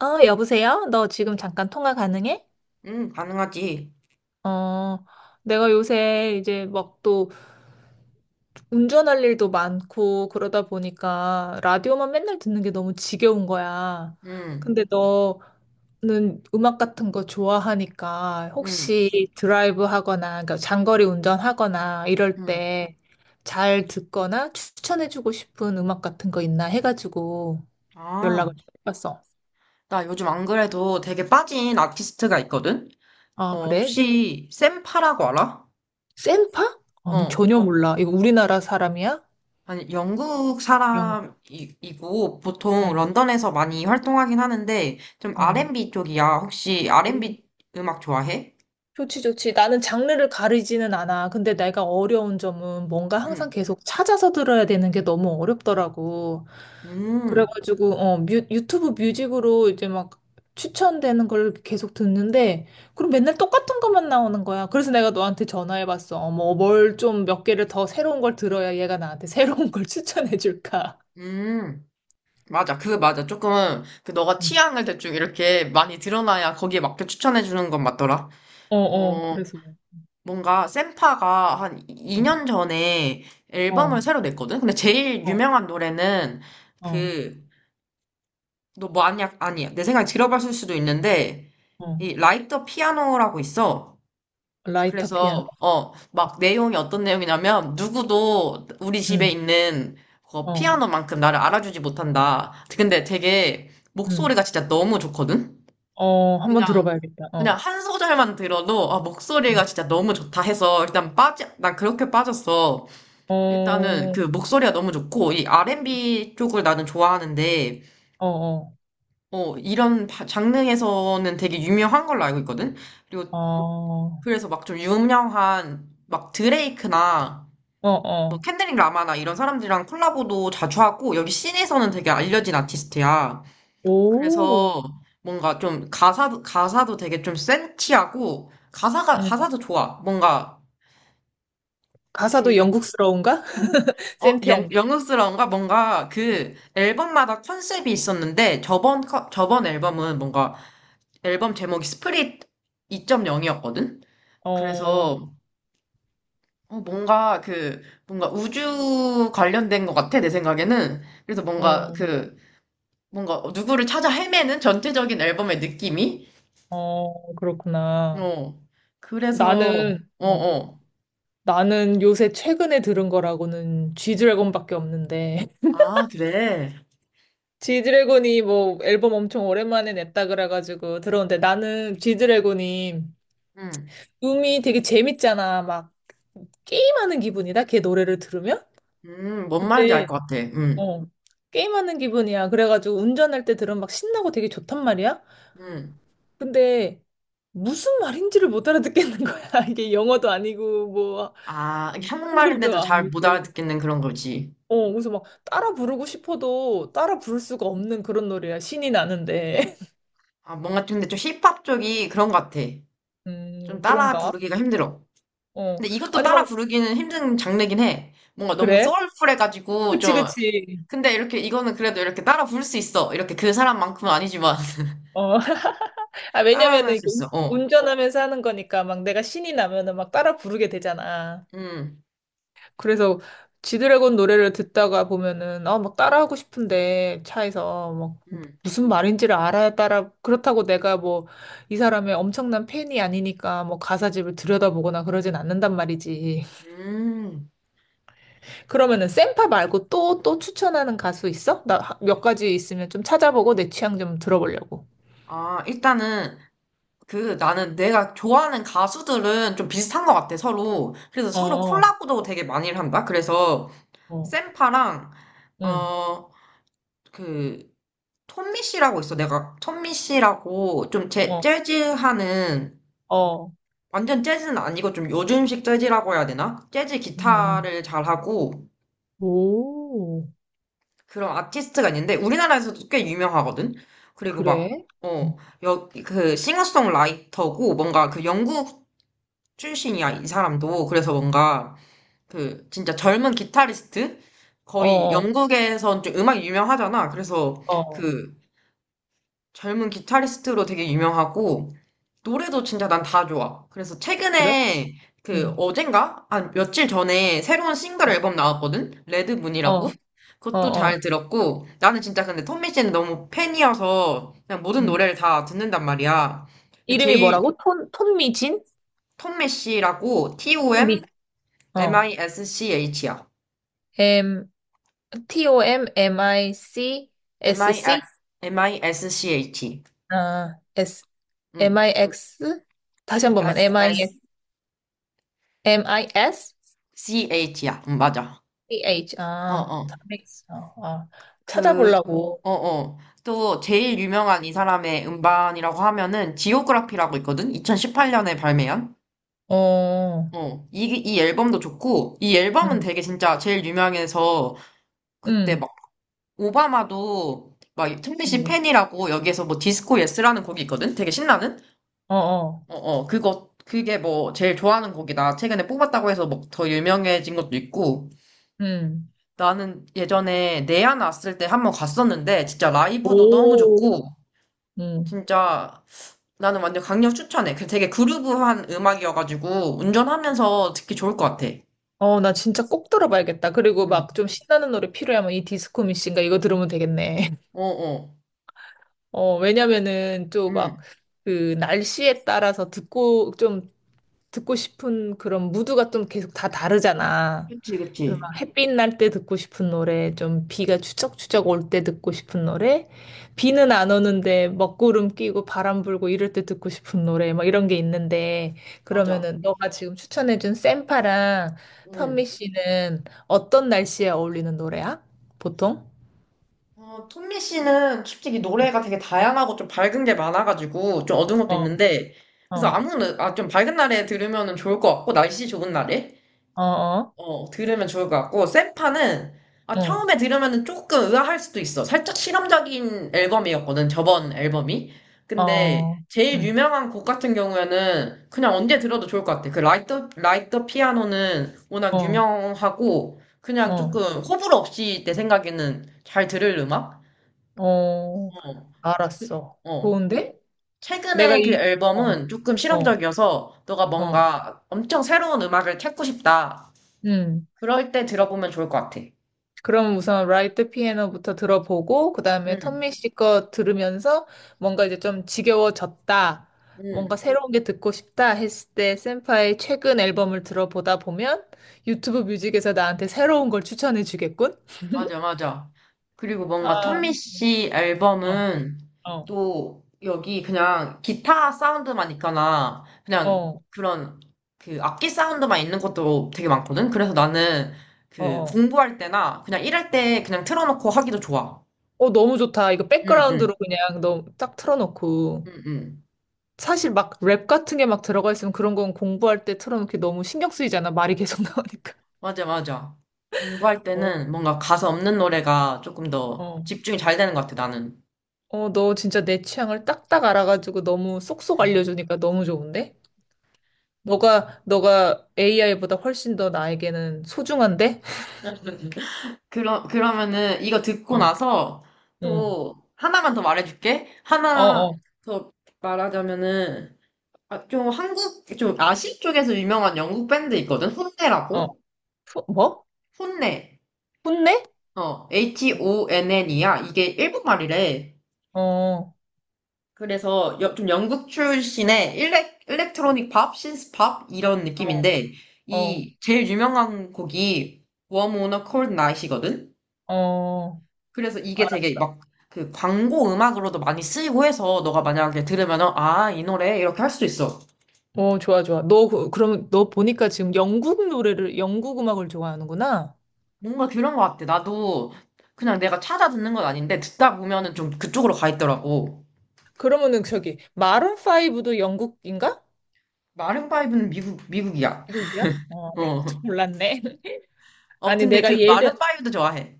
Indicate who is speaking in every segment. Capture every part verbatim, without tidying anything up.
Speaker 1: 어, 여보세요? 너 지금 잠깐 통화 가능해?
Speaker 2: 응, 가능하지.
Speaker 1: 어, 내가 요새 이제 막 또 운전할 일도 많고 그러다 보니까 라디오만 맨날 듣는 게 너무 지겨운 거야.
Speaker 2: 응,
Speaker 1: 근데 너는 음악 같은 거 좋아하니까
Speaker 2: 응,
Speaker 1: 혹시 드라이브 하거나, 그러니까 장거리 운전하거나 이럴
Speaker 2: 응.
Speaker 1: 때 잘 듣거나 추천해주고 싶은 음악 같은 거 있나 해가지고
Speaker 2: 아,
Speaker 1: 연락을 좀 해봤어.
Speaker 2: 나 요즘 안 그래도 되게 빠진 아티스트가 있거든?
Speaker 1: 아,
Speaker 2: 어,
Speaker 1: 그래?
Speaker 2: 혹시 샘파라고 알아?
Speaker 1: 센파? 아니,
Speaker 2: 어,
Speaker 1: 전혀 몰라. 이거 우리나라 사람이야?
Speaker 2: 아니, 영국
Speaker 1: 영,
Speaker 2: 사람이고 보통
Speaker 1: 어,
Speaker 2: 런던에서 많이 활동하긴 하는데 좀
Speaker 1: 어.
Speaker 2: 알앤비 쪽이야. 혹시
Speaker 1: 오,
Speaker 2: 알앤비 음악 좋아해?
Speaker 1: 좋지, 좋지. 나는 장르를 가리지는 않아. 근데 내가 어려운 점은 뭔가 항상
Speaker 2: 음,
Speaker 1: 계속 찾아서 들어야 되는 게 너무 어렵더라고.
Speaker 2: 음,
Speaker 1: 그래가지고, 어, 뮤, 유튜브 뮤직으로 이제 막 추천되는 걸 계속 듣는데, 그럼 맨날 똑같은 것만 나오는 거야. 그래서 내가 너한테 전화해봤어. 어머, 뭘 좀 몇 개를 더 새로운 걸 들어야 얘가 나한테 새로운 걸 추천해줄까.
Speaker 2: 음. 맞아. 그 맞아. 조금 그 너가
Speaker 1: 음.
Speaker 2: 취향을 대충 이렇게 많이 드러나야 거기에 맞게 추천해 주는 건 맞더라.
Speaker 1: 어, 어,
Speaker 2: 어,
Speaker 1: 그래서.
Speaker 2: 뭔가 센파가 한
Speaker 1: 어,
Speaker 2: 이 년 전에
Speaker 1: 어,
Speaker 2: 앨범을 새로 냈거든? 근데 제일
Speaker 1: 어,
Speaker 2: 유명한 노래는
Speaker 1: 어.
Speaker 2: 그, 너 뭐 아니야? 아니야. 내 생각에 들어봤을 수도 있는데,
Speaker 1: 어.
Speaker 2: 이 라이터 피아노라고 있어.
Speaker 1: 라이터 피아노?
Speaker 2: 그래서, 어, 막 내용이 어떤 내용이냐면, 누구도 우리 집에
Speaker 1: 응,
Speaker 2: 있는 그
Speaker 1: 어.
Speaker 2: 피아노만큼 나를 알아주지 못한다. 근데 되게
Speaker 1: 음.
Speaker 2: 목소리가 진짜 너무 좋거든?
Speaker 1: 어, 한번
Speaker 2: 그냥,
Speaker 1: 들어봐야겠다.
Speaker 2: 그냥
Speaker 1: 어.
Speaker 2: 한 소절만 들어도, 아, 목소리가
Speaker 1: 음.
Speaker 2: 진짜 너무 좋다 해서, 일단 빠져, 난 그렇게 빠졌어.
Speaker 1: 어,
Speaker 2: 일단은
Speaker 1: 어,
Speaker 2: 그 목소리가 너무 좋고, 이 알앤비 쪽을 나는 좋아하는데,
Speaker 1: 어.
Speaker 2: 어, 이런 바- 장르에서는 되게 유명한 걸로 알고 있거든? 그리고
Speaker 1: 어,
Speaker 2: 그래서 막 좀 유명한, 막 드레이크나,
Speaker 1: 어,
Speaker 2: 뭐
Speaker 1: 어.
Speaker 2: 켄드릭 라마나 이런 사람들이랑 콜라보도 자주 하고, 여기 씬에서는 되게 알려진 아티스트야.
Speaker 1: 오.
Speaker 2: 그래서 뭔가 좀 가사, 가사도 되게 좀 센치하고, 가사가,
Speaker 1: 음.
Speaker 2: 가사도 좋아. 뭔가
Speaker 1: 가사도
Speaker 2: 그
Speaker 1: 영국스러운가?
Speaker 2: 어, 영,
Speaker 1: 센티한 게?
Speaker 2: 영웅스러운가? 뭔가 그 앨범마다 컨셉이 있었는데 저번, 컨- 저번 앨범은 뭔가 앨범 제목이 스프릿 이 점 영이었거든?
Speaker 1: 어,
Speaker 2: 그래서 어, 뭔가 그 뭔가 우주 관련된 것 같아, 내 생각에는. 그래서 뭔가
Speaker 1: 어,
Speaker 2: 그 뭔가 누구를 찾아 헤매는 전체적인 앨범의 느낌이?
Speaker 1: 어, 그렇구나.
Speaker 2: 어, 그래서
Speaker 1: 나는,
Speaker 2: 어,
Speaker 1: 어,
Speaker 2: 어.
Speaker 1: 나는 요새 최근에 들은 거라고는 G드래곤밖에 없는데.
Speaker 2: 아, 그래.
Speaker 1: 지드래곤이 뭐 앨범 엄청 오랜만에 냈다 그래가지고 들었는데 나는 지드래곤이
Speaker 2: 음,
Speaker 1: 음이 되게 재밌잖아. 막 게임하는 기분이다. 걔 노래를 들으면.
Speaker 2: 음, 뭔 말인지 알
Speaker 1: 근데
Speaker 2: 것 같아. 음,
Speaker 1: 어 게임하는 기분이야. 그래가지고 운전할 때 들으면 막 신나고 되게 좋단 말이야.
Speaker 2: 음.
Speaker 1: 근데 무슨 말인지를 못 알아듣겠는 거야. 이게 영어도 아니고 뭐
Speaker 2: 아, 이게 한국말인데도
Speaker 1: 한글도
Speaker 2: 잘 못
Speaker 1: 아니고.
Speaker 2: 알아듣겠는 그런 거지.
Speaker 1: 어 그래서 막 따라 부르고 싶어도 따라 부를 수가 없는 그런 노래야. 신이 나는데.
Speaker 2: 아, 뭔가 좀, 근데 좀 힙합 쪽이 그런 것 같아. 좀
Speaker 1: 음
Speaker 2: 따라
Speaker 1: 그런가?
Speaker 2: 부르기가 힘들어.
Speaker 1: 어
Speaker 2: 근데 이것도
Speaker 1: 아니
Speaker 2: 따라
Speaker 1: 막
Speaker 2: 부르기는 힘든 장르긴 해. 뭔가 너무
Speaker 1: 그래?
Speaker 2: 소울풀해가지고 좀,
Speaker 1: 그치 그치.
Speaker 2: 근데 이렇게, 이거는 그래도 이렇게 따라 부를 수 있어. 이렇게 그 사람만큼은 아니지만,
Speaker 1: 어 아,
Speaker 2: 따라는 할
Speaker 1: 왜냐면은
Speaker 2: 수
Speaker 1: 이게
Speaker 2: 있어. 어.
Speaker 1: 운전하면서 하는 거니까 막 내가 신이 나면은 막 따라 부르게 되잖아.
Speaker 2: 음,
Speaker 1: 그래서 지드래곤 노래를 듣다가 보면은 아, 막 따라하고 싶은데 차에서 막
Speaker 2: 음,
Speaker 1: 무슨 말인지를 알아야 따라 그렇다고 내가 뭐 이 사람의 엄청난 팬이 아니니까 뭐 가사집을 들여다보거나 그러진 않는단 말이지.
Speaker 2: 음.
Speaker 1: 그러면은 샘파 말고 또 또 추천하는 가수 있어? 나 몇 가지 있으면 좀 찾아보고 내 취향 좀 들어보려고.
Speaker 2: 아, 일단은, 그, 나는 내가 좋아하는 가수들은 좀 비슷한 것 같아, 서로. 그래서 서로
Speaker 1: 어,
Speaker 2: 콜라보도 되게 많이 한다. 그래서,
Speaker 1: 어,
Speaker 2: 샘파랑,
Speaker 1: 응,
Speaker 2: 어, 그, 톰미 씨라고 있어. 내가 톰미 씨라고 좀 제,
Speaker 1: 어,
Speaker 2: 재즈 하는,
Speaker 1: 어,
Speaker 2: 완전 재즈는 아니고 좀 요즘식 재즈라고 해야 되나? 재즈
Speaker 1: 응, 응.
Speaker 2: 기타를 잘하고
Speaker 1: 오,
Speaker 2: 그런 아티스트가 있는데 우리나라에서도 꽤 유명하거든? 그리고 막,
Speaker 1: 그래? 음.
Speaker 2: 어, 여, 그 싱어송라이터고 뭔가 그 영국 출신이야, 이 사람도. 그래서 뭔가 그 진짜 젊은 기타리스트?
Speaker 1: 어,
Speaker 2: 거의
Speaker 1: 어,
Speaker 2: 영국에선 좀 음악이 유명하잖아. 그래서
Speaker 1: 어,
Speaker 2: 그 젊은 기타리스트로 되게 유명하고, 노래도 진짜 난 다 좋아. 그래서
Speaker 1: 그래?
Speaker 2: 최근에, 그,
Speaker 1: 응,
Speaker 2: 어젠가? 한 며칠 전에 새로운 싱글
Speaker 1: 어,
Speaker 2: 앨범 나왔거든? 레드문이라고?
Speaker 1: 어, 어,
Speaker 2: 그것도 잘
Speaker 1: 어,
Speaker 2: 들었고, 나는 진짜 근데 톰미 씨는 너무 팬이어서, 그냥 모든
Speaker 1: 응.
Speaker 2: 노래를 다 듣는단 말이야. 근데
Speaker 1: 이름이
Speaker 2: 제일
Speaker 1: 뭐라고? 톤, 톤미진?
Speaker 2: 톰미 씨라고, T-O-M,
Speaker 1: 톤미, 어,
Speaker 2: M-I-S-C-H야.
Speaker 1: M, T, O, M, M, I, C, S, C?
Speaker 2: M I S, M I S C H.
Speaker 1: 아, S, M,
Speaker 2: 응,
Speaker 1: I, X? 다시 한 번만, M, I, X, M, I, S,
Speaker 2: S-S-C-H야. 응, 맞아.
Speaker 1: C, H, 아,
Speaker 2: 어어.
Speaker 1: 탐믹스, 어, 아,
Speaker 2: 그,
Speaker 1: 찾아보려고,
Speaker 2: 어어. 또 제일 유명한 이 사람의 음반이라고 하면은 지오그라피라고 있거든? 이천십팔 년에 발매한?
Speaker 1: 어,
Speaker 2: 어. 이, 이 앨범도 좋고, 이 앨범은
Speaker 1: 응,
Speaker 2: 되게 진짜 제일 유명해서 그때
Speaker 1: 응,
Speaker 2: 막 오바마도 막 틈비 씨
Speaker 1: 응,
Speaker 2: 팬이라고 여기에서 뭐 디스코 예스라는 곡이 있거든? 되게 신나는?
Speaker 1: 어, 어,
Speaker 2: 어어. 그거, 그게 뭐 제일 좋아하는 곡이다. 최근에 뽑았다고 해서 막 더 유명해진 것도 있고.
Speaker 1: 응,
Speaker 2: 나는 예전에 내안 왔을 때 한 번 갔었는데 진짜 라이브도 너무
Speaker 1: 오,
Speaker 2: 좋고 진짜 나는 완전 강력 추천해. 그 되게 그루브한 음악이어가지고 운전하면서 듣기 좋을 것 같아.
Speaker 1: 어, 나 진짜 꼭 들어봐야겠다. 그리고
Speaker 2: 응,
Speaker 1: 막 좀 신나는 노래 필요하면 이 디스코 미신가 이거 들으면 되겠네.
Speaker 2: 어, 어,
Speaker 1: 어, 왜냐면은 또
Speaker 2: 응.
Speaker 1: 막 그 날씨에 따라서 듣고 좀 듣고 싶은 그런 무드가 좀 계속 다 다르잖아.
Speaker 2: 그치,
Speaker 1: 그 막
Speaker 2: 그치.
Speaker 1: 햇빛 날 때 듣고 싶은 노래, 좀 비가 추적추적 올 때 듣고 싶은 노래, 비는 안 오는데 먹구름 끼고 바람 불고 이럴 때 듣고 싶은 노래, 막 이런 게 있는데,
Speaker 2: 맞아.
Speaker 1: 그러면은 너가 지금 추천해준 샘파랑 선미
Speaker 2: 응.
Speaker 1: 씨는 어떤 날씨에 어울리는 노래야? 보통?
Speaker 2: 어, 톰미 씨는 솔직히 노래가 되게 다양하고 좀 밝은 게 많아가지고 좀 어두운 것도
Speaker 1: 어,
Speaker 2: 있는데 그래서
Speaker 1: 어,
Speaker 2: 아무, 노- 아, 좀 밝은 날에 들으면 좋을 것 같고 날씨 좋은 날에.
Speaker 1: 어, 어,
Speaker 2: 어, 들으면 좋을 것 같고, 세파는, 아, 처음에 들으면 조금 의아할 수도 있어. 살짝 실험적인 앨범이었거든, 저번 앨범이.
Speaker 1: 어,
Speaker 2: 근데,
Speaker 1: 어,
Speaker 2: 제일
Speaker 1: 응,
Speaker 2: 유명한 곡 같은 경우에는 그냥 언제 들어도 좋을 것 같아. 그 라이트, 라이트 피아노는 워낙
Speaker 1: 어,
Speaker 2: 유명하고, 그냥 조금
Speaker 1: 어,
Speaker 2: 호불호 없이 내 생각에는 잘 들을 음악?
Speaker 1: 어,
Speaker 2: 어, 그-
Speaker 1: 알았어.
Speaker 2: 어.
Speaker 1: 좋은데? 내가
Speaker 2: 최근에 그
Speaker 1: 이, 어,
Speaker 2: 앨범은 조금
Speaker 1: 어,
Speaker 2: 실험적이어서, 너가
Speaker 1: 어,
Speaker 2: 뭔가 엄청 새로운 음악을 찾고 싶다.
Speaker 1: 응.
Speaker 2: 그럴 때 들어보면 좋을 것 같아.
Speaker 1: 그럼 우선 라이트 피아노부터 들어보고 그다음에
Speaker 2: 음.
Speaker 1: 턴미 씨거 들으면서 뭔가 이제 좀 지겨워졌다.
Speaker 2: 응,
Speaker 1: 뭔가 새로운 게 듣고 싶다 했을 때 센파의 최근 앨범을 들어보다 보면 유튜브 뮤직에서 나한테 새로운 걸 추천해 주겠군?
Speaker 2: 맞아, 맞아. 그리고 뭔가 톰미
Speaker 1: 아,
Speaker 2: 씨
Speaker 1: 어,
Speaker 2: 앨범은
Speaker 1: 어,
Speaker 2: 또 여기 그냥 기타 사운드만 있거나
Speaker 1: 어,
Speaker 2: 그냥
Speaker 1: 어.
Speaker 2: 그런 그 악기 사운드만 있는 것도 되게 많거든. 그래서 나는 그
Speaker 1: 어,
Speaker 2: 공부할 때나 그냥 일할 때 그냥 틀어놓고 하기도 좋아.
Speaker 1: 어, 너무 좋다. 이거
Speaker 2: 응, 응,
Speaker 1: 백그라운드로 그냥 너무 딱 틀어놓고.
Speaker 2: 응, 응.
Speaker 1: 사실 막 랩 같은 게 막 들어가 있으면 그런 건 공부할 때 틀어놓기 너무 신경 쓰이잖아. 말이 계속 나오니까.
Speaker 2: 맞아, 맞아. 공부할
Speaker 1: 어,
Speaker 2: 때는 뭔가 가사
Speaker 1: 어,
Speaker 2: 없는 노래가 조금 더
Speaker 1: 어.
Speaker 2: 집중이 잘 되는 것 같아, 나는.
Speaker 1: 어, 너 진짜 내 취향을 딱딱 알아가지고 너무 쏙쏙 알려주니까 너무 좋은데? 너가, 너가 에이아이보다 훨씬 더 나에게는 소중한데?
Speaker 2: 그러, 그러면은 이거 듣고
Speaker 1: 어,
Speaker 2: 나서
Speaker 1: 응.
Speaker 2: 또 하나만 더 말해줄게.
Speaker 1: 어,
Speaker 2: 하나
Speaker 1: 어,
Speaker 2: 더 말하자면은 아, 좀 한국, 좀 아시 쪽에서 유명한 영국 밴드 있거든?
Speaker 1: 어.
Speaker 2: 혼내라고?
Speaker 1: 후- 뭐?
Speaker 2: 혼내.
Speaker 1: 혼내?
Speaker 2: 어, H-O-N-N이야. 이게 일본말이래.
Speaker 1: 어,
Speaker 2: 그래서 여- 좀 영국 출신의 일렉, 일렉트로닉 팝, 신스 팝 이런
Speaker 1: 어,
Speaker 2: 느낌인데
Speaker 1: 어,
Speaker 2: 이 제일 유명한 곡이 Warm on a Cold Night이거든?
Speaker 1: 어.
Speaker 2: 그래서 이게 되게
Speaker 1: 알았어.
Speaker 2: 막 그 광고 음악으로도 많이 쓰이고 해서 너가 만약에 들으면은 아, 이 노래 이렇게 할 수도 있어.
Speaker 1: 어, 좋아, 좋아. 너, 그- 그럼 너 보니까 지금 영국 노래를, 영국 음악을 좋아하는구나?
Speaker 2: 뭔가 그런 것 같아. 나도 그냥 내가 찾아 듣는 건 아닌데 듣다 보면은 좀 그쪽으로 가 있더라고.
Speaker 1: 그러면은 저기, 마룬오도 영국인가?
Speaker 2: 마룬파이브는 미국 미국이야.
Speaker 1: 미국이야? 어, 내가
Speaker 2: 어.
Speaker 1: 좀 몰랐네.
Speaker 2: 어,
Speaker 1: 아니,
Speaker 2: 근데
Speaker 1: 내가
Speaker 2: 그
Speaker 1: 예전,
Speaker 2: 마룬파이브도 좋아해.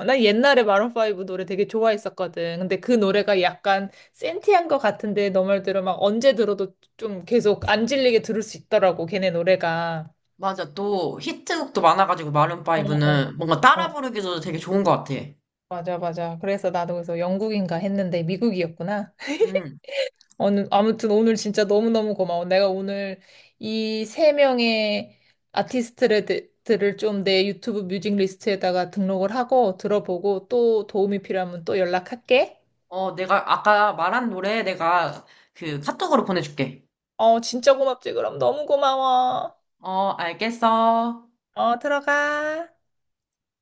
Speaker 1: 어, 난 옛날에 마룬파이브 노래 되게 좋아했었거든. 근데 그 노래가 약간 센티한 것 같은데 너 말대로 막 언제 들어도 좀 계속 안 질리게 들을 수 있더라고, 걔네 노래가.
Speaker 2: 맞아. 또 히트곡도 많아가지고
Speaker 1: 어, 어,
Speaker 2: 마룬파이브는 뭔가 따라
Speaker 1: 어.
Speaker 2: 부르기도 되게 좋은 것 같아.
Speaker 1: 맞아, 맞아. 그래서 나도 그래서 영국인가 했는데 미국이었구나.
Speaker 2: 음.
Speaker 1: 어느- 아무튼 오늘 진짜 너무너무 고마워. 내가 오늘 이 세 명의 아티스트들을 좀 내 유튜브 뮤직 리스트에다가 등록을 하고 들어보고 또 도움이 필요하면 또 연락할게.
Speaker 2: 어, 내가 아까 말한 노래 내가 그 카톡으로 보내줄게.
Speaker 1: 어, 진짜 고맙지, 그럼. 너무 고마워.
Speaker 2: 어, 알겠어.
Speaker 1: 어, 들어가.